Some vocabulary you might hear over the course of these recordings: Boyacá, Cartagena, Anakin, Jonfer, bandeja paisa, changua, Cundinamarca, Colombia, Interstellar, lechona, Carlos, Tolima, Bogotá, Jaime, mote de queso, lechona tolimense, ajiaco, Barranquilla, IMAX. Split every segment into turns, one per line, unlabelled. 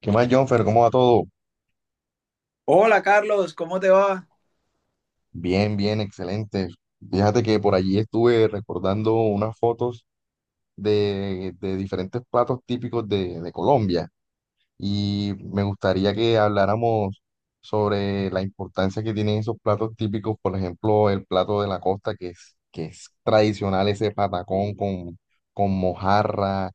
¿Qué más, Jonfer? ¿Cómo va todo?
Hola Carlos, ¿cómo te va?
Bien, bien, excelente. Fíjate que por allí estuve recordando unas fotos de diferentes platos típicos de Colombia y me gustaría que habláramos sobre la importancia que tienen esos platos típicos, por ejemplo, el plato de la costa, que es tradicional, ese patacón con mojarra,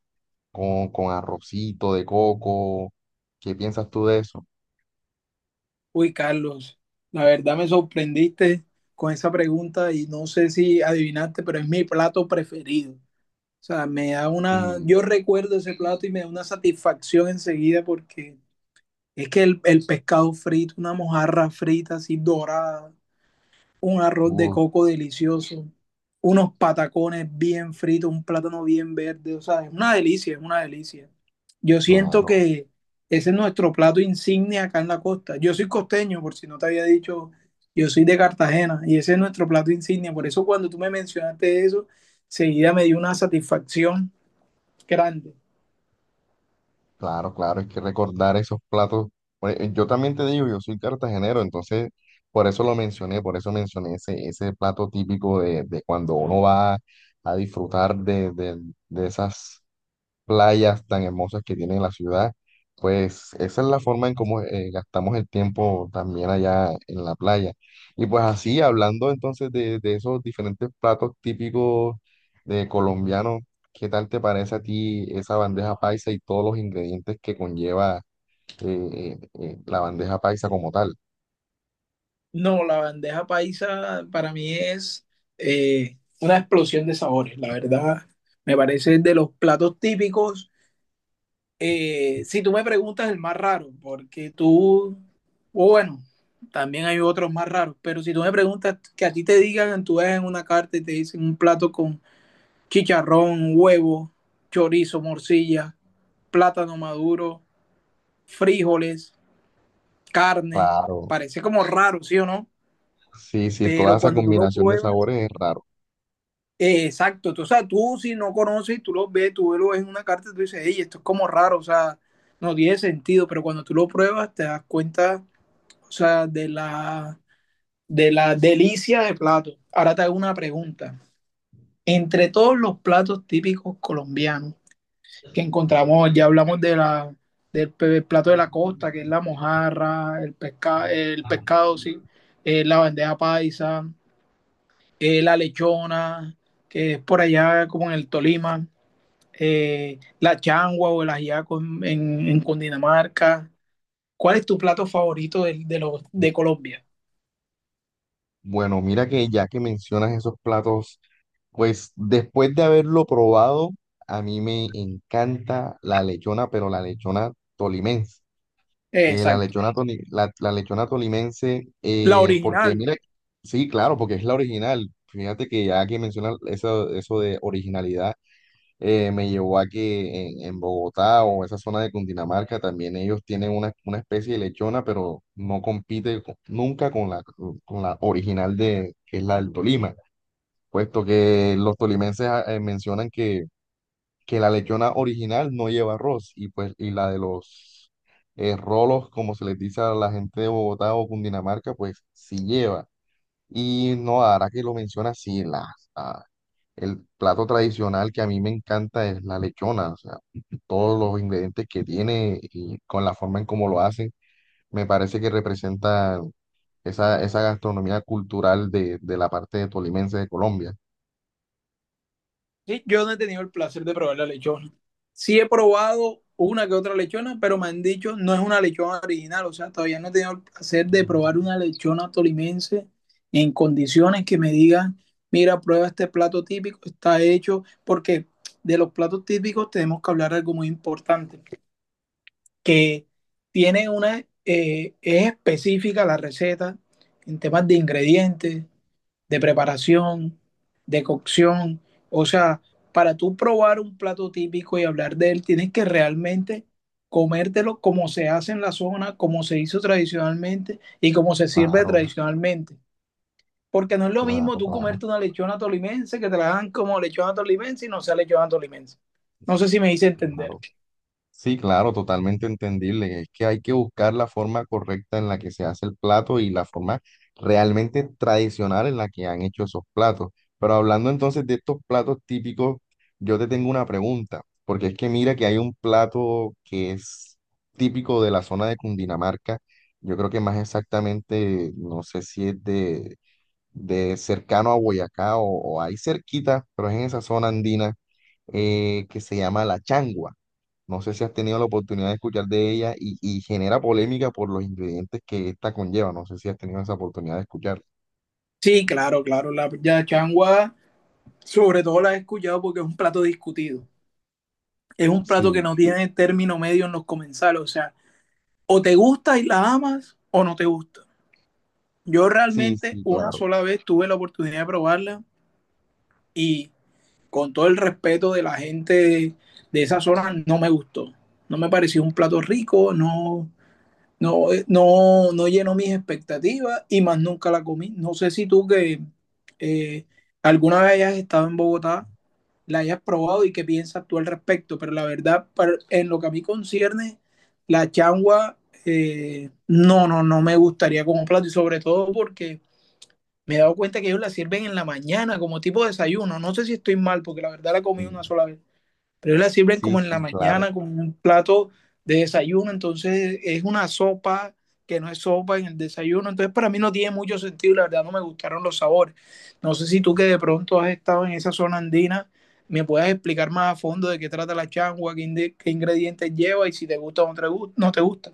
con arrocito de coco. ¿Qué piensas tú de eso?
Uy Carlos, la verdad me sorprendiste con esa pregunta y no sé si adivinaste, pero es mi plato preferido. O sea, me da una,
Sí,
yo recuerdo ese plato y me da una satisfacción enseguida porque es que el pescado frito, una mojarra frita así dorada, un arroz de
uh,
coco delicioso, unos patacones bien fritos, un plátano bien verde, o sea, es una delicia, es una delicia. Yo siento
claro.
que ese es nuestro plato insignia acá en la costa. Yo soy costeño, por si no te había dicho, yo soy de Cartagena y ese es nuestro plato insignia. Por eso cuando tú me mencionaste eso, seguida me dio una satisfacción grande.
Claro, claro, hay que recordar esos platos. Pues, yo también te digo, yo soy cartagenero, entonces por eso lo mencioné, por eso mencioné ese plato típico de cuando uno va a disfrutar de, de esas playas tan hermosas que tiene la ciudad, pues esa es la forma en cómo gastamos el tiempo también allá en la playa. Y pues así, hablando entonces de esos diferentes platos típicos de colombianos, ¿qué tal te parece a ti esa bandeja paisa y todos los ingredientes que conlleva la bandeja paisa como tal?
No, la bandeja paisa para mí es una explosión de sabores, la verdad. Me parece de los platos típicos. Si tú me preguntas el más raro, porque tú, o bueno, también hay otros más raros, pero si tú me preguntas que a ti te digan, tú ves en una carta y te dicen un plato con chicharrón, huevo, chorizo, morcilla, plátano maduro, frijoles, carne,
Claro,
parece como raro, ¿sí o no?
sí, sí, toda
Pero
esa
cuando tú lo
combinación de
pruebas,
sabores es raro.
exacto, tú, o sea, tú si no conoces, tú lo ves en una carta y tú dices, hey, esto es como raro, o sea, no tiene sentido, pero cuando tú lo pruebas te das cuenta, o sea, de la delicia de platos. Ahora te hago una pregunta. Entre todos los platos típicos colombianos que encontramos, ya hablamos de la, plato de la costa, que es la mojarra, el, pesca, el pescado, sí, la bandeja paisa, la lechona, que es por allá como en el Tolima, la changua o el ajiaco en, en Cundinamarca. ¿Cuál es tu plato favorito de, los, de Colombia?
Bueno, mira que ya que mencionas esos platos, pues después de haberlo probado, a mí me encanta la lechona, pero la lechona tolimense. Que la
Exacto.
lechona, la, la lechona tolimense,
La
porque
original.
mira, sí, claro, porque es la original. Fíjate que ya que mencionas eso, eso de originalidad, me llevó a que en Bogotá o esa zona de Cundinamarca también ellos tienen una especie de lechona, pero no compite nunca con la, con la original de, que es la del Tolima, puesto que los tolimenses mencionan que la lechona original no lleva arroz y pues y la de los rolos, como se les dice a la gente de Bogotá o Cundinamarca, pues sí lleva. Y no, ahora que lo mencionas, sí, ah, el plato tradicional que a mí me encanta es la lechona, o sea, todos los ingredientes que tiene y con la forma en cómo lo hacen, me parece que representa esa, esa gastronomía cultural de la parte tolimense de Colombia.
Sí, yo no he tenido el placer de probar la lechona. Sí he probado una que otra lechona, pero me han dicho no es una lechona original, o sea, todavía no he tenido el placer de probar una lechona tolimense en condiciones que me digan, mira, prueba este plato típico, está hecho, porque de los platos típicos tenemos que hablar algo muy importante, que tiene una, es específica la receta en temas de ingredientes, de preparación, de cocción. O sea, para tú probar un plato típico y hablar de él, tienes que realmente comértelo como se hace en la zona, como se hizo tradicionalmente y como se sirve
Claro,
tradicionalmente. Porque no es lo mismo
claro,
tú
claro,
comerte una lechona tolimense que te la hagan como lechona tolimense y no sea lechona tolimense. No sé si me hice entender.
claro. Sí, claro, totalmente entendible. Es que hay que buscar la forma correcta en la que se hace el plato y la forma realmente tradicional en la que han hecho esos platos. Pero hablando entonces de estos platos típicos, yo te tengo una pregunta, porque es que mira que hay un plato que es típico de la zona de Cundinamarca. Yo creo que más exactamente, no sé si es de cercano a Boyacá o ahí cerquita, pero es en esa zona andina, que se llama la changua. No sé si has tenido la oportunidad de escuchar de ella y genera polémica por los ingredientes que esta conlleva. No sé si has tenido esa oportunidad de escuchar.
Sí, claro, claro. La yachangua, sobre todo la he escuchado porque es un plato discutido. Es un plato que
Sí,
no tiene término medio en los comensales. O sea, o te gusta y la amas o no te gusta. Yo
sí,
realmente
sí,
una
claro.
sola vez tuve la oportunidad de probarla y con todo el respeto de la gente de esa zona no me gustó. No me pareció un plato rico, no, no, no, no llenó mis expectativas y más nunca la comí. No sé si tú que eh, alguna vez hayas estado en Bogotá la hayas probado y qué piensas tú al respecto. Pero la verdad, en lo que a mí concierne, la changua, no, no, no me gustaría como plato. Y sobre todo porque me he dado cuenta que ellos la sirven en la mañana como tipo de desayuno. No sé si estoy mal, porque la verdad la comí
Sí,
una sola vez. Pero la sirven
sí,
como en la
sí, claro.
mañana, como un plato de desayuno, entonces es una sopa que no es sopa en el desayuno, entonces para mí no tiene mucho sentido, la verdad no me gustaron los sabores. No sé si tú que de pronto has estado en esa zona andina, me puedas explicar más a fondo de qué trata la changua, qué ingredientes lleva y si te gusta o no no te gusta.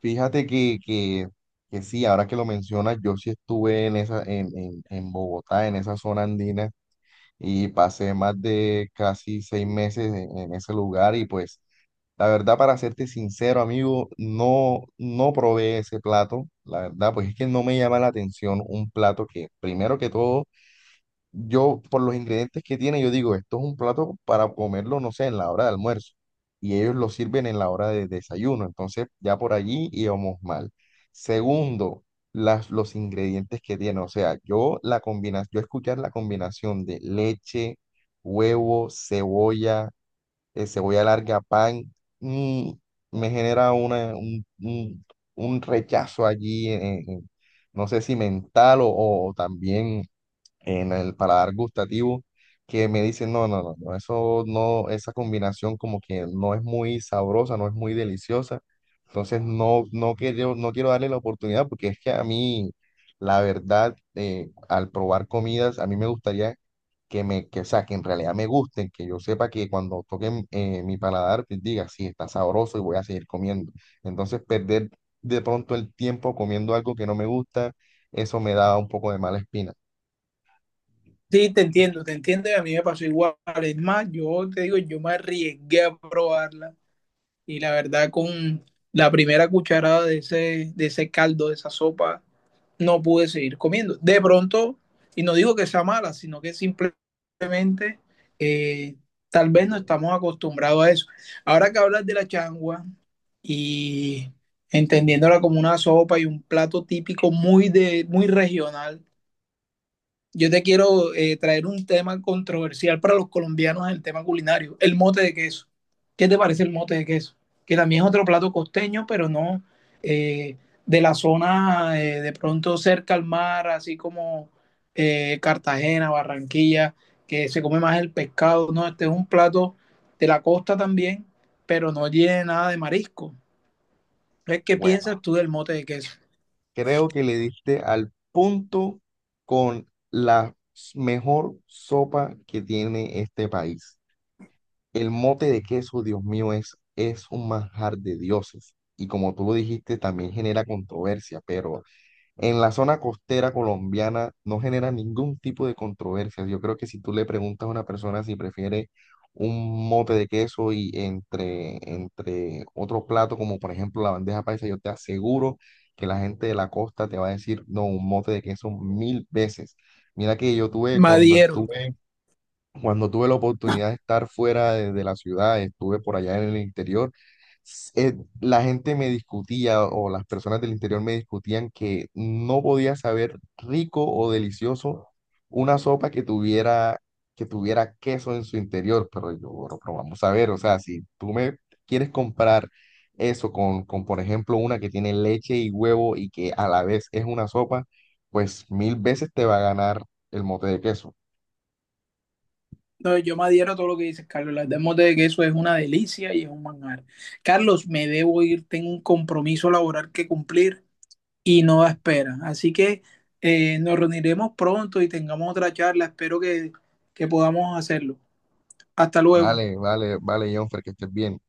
Fíjate que sí, ahora que lo mencionas, yo sí estuve en esa, en Bogotá, en esa zona andina, y pasé más de casi 6 meses en ese lugar y pues la verdad, para serte sincero, amigo, no, no probé ese plato. La verdad, pues es que no me llama la atención un plato que, primero que todo, yo por los ingredientes que tiene, yo digo, esto es un plato para comerlo, no sé, en la hora de almuerzo. Y ellos lo sirven en la hora de desayuno. Entonces, ya por allí íbamos mal. Segundo, los ingredientes que tiene. O sea, yo la combinación, yo escuchar la combinación de leche, huevo, cebolla, cebolla larga, pan, mm, me genera una, un rechazo allí, en- no sé si mental o también en el paladar gustativo que me dicen, no, no, no, no, eso no, esa combinación como que no es muy sabrosa, no es muy deliciosa. Entonces no, no quiero, no quiero darle la oportunidad porque es que a mí, la verdad, al probar comidas, a mí me gustaría que me, que, o sea, que en realidad me gusten, que yo sepa que cuando toquen mi paladar, pues diga, sí, está sabroso y voy a seguir comiendo. Entonces perder de pronto el tiempo comiendo algo que no me gusta, eso me da un poco de mala espina.
Sí, te entiendo y a mí me pasó igual. Es más, yo te digo, yo me arriesgué a probarla y la verdad con la primera cucharada de ese caldo, de esa sopa, no pude seguir comiendo. De pronto, y no digo que sea mala, sino que simplemente eh, tal vez no estamos acostumbrados a eso. Ahora que hablas de la changua y entendiéndola como una sopa y un plato típico muy, de, muy regional, yo te quiero traer un tema controversial para los colombianos, en el tema culinario, el mote de queso. ¿Qué te parece el mote de queso? Que también es otro plato costeño, pero no eh, de la zona, de pronto cerca al mar, así como Cartagena, Barranquilla, que se come más el pescado, ¿no? Este es un plato de la costa también, pero no tiene nada de marisco. Entonces, ¿qué
Bueno.
piensas tú del mote de queso?
Creo que le diste al punto con la mejor sopa que tiene este país. El mote de queso, Dios mío, es un manjar de dioses. Y como tú lo dijiste, también genera controversia, pero en la zona costera colombiana no genera ningún tipo de controversia. Yo creo que si tú le preguntas a una persona si prefiere un mote de queso y entre otro plato, como por ejemplo la bandeja paisa, yo te aseguro que la gente de la costa te va a decir, no, un mote de queso mil veces. Mira que yo tuve cuando
Madiero.
estuve cuando tuve la oportunidad de estar fuera de la ciudad, estuve por allá en el interior, s- eh, la gente me discutía o las personas del interior me discutían que no podía saber rico o delicioso una sopa que tuviera queso en su interior. Pero yo, bueno, pero vamos a ver, o sea, si tú me quieres comprar eso con, por ejemplo, una que tiene leche y huevo y que a la vez es una sopa, pues mil veces te va a ganar el mote de queso.
No, yo me adhiero a todo lo que dices, Carlos. Las demos de queso es una delicia y es un manjar. Carlos, me debo ir, tengo un compromiso laboral que cumplir y no da espera. Así que nos reuniremos pronto y tengamos otra charla. Espero que podamos hacerlo. Hasta luego.
Vale, vale, vale, Jonfer, que estés bien.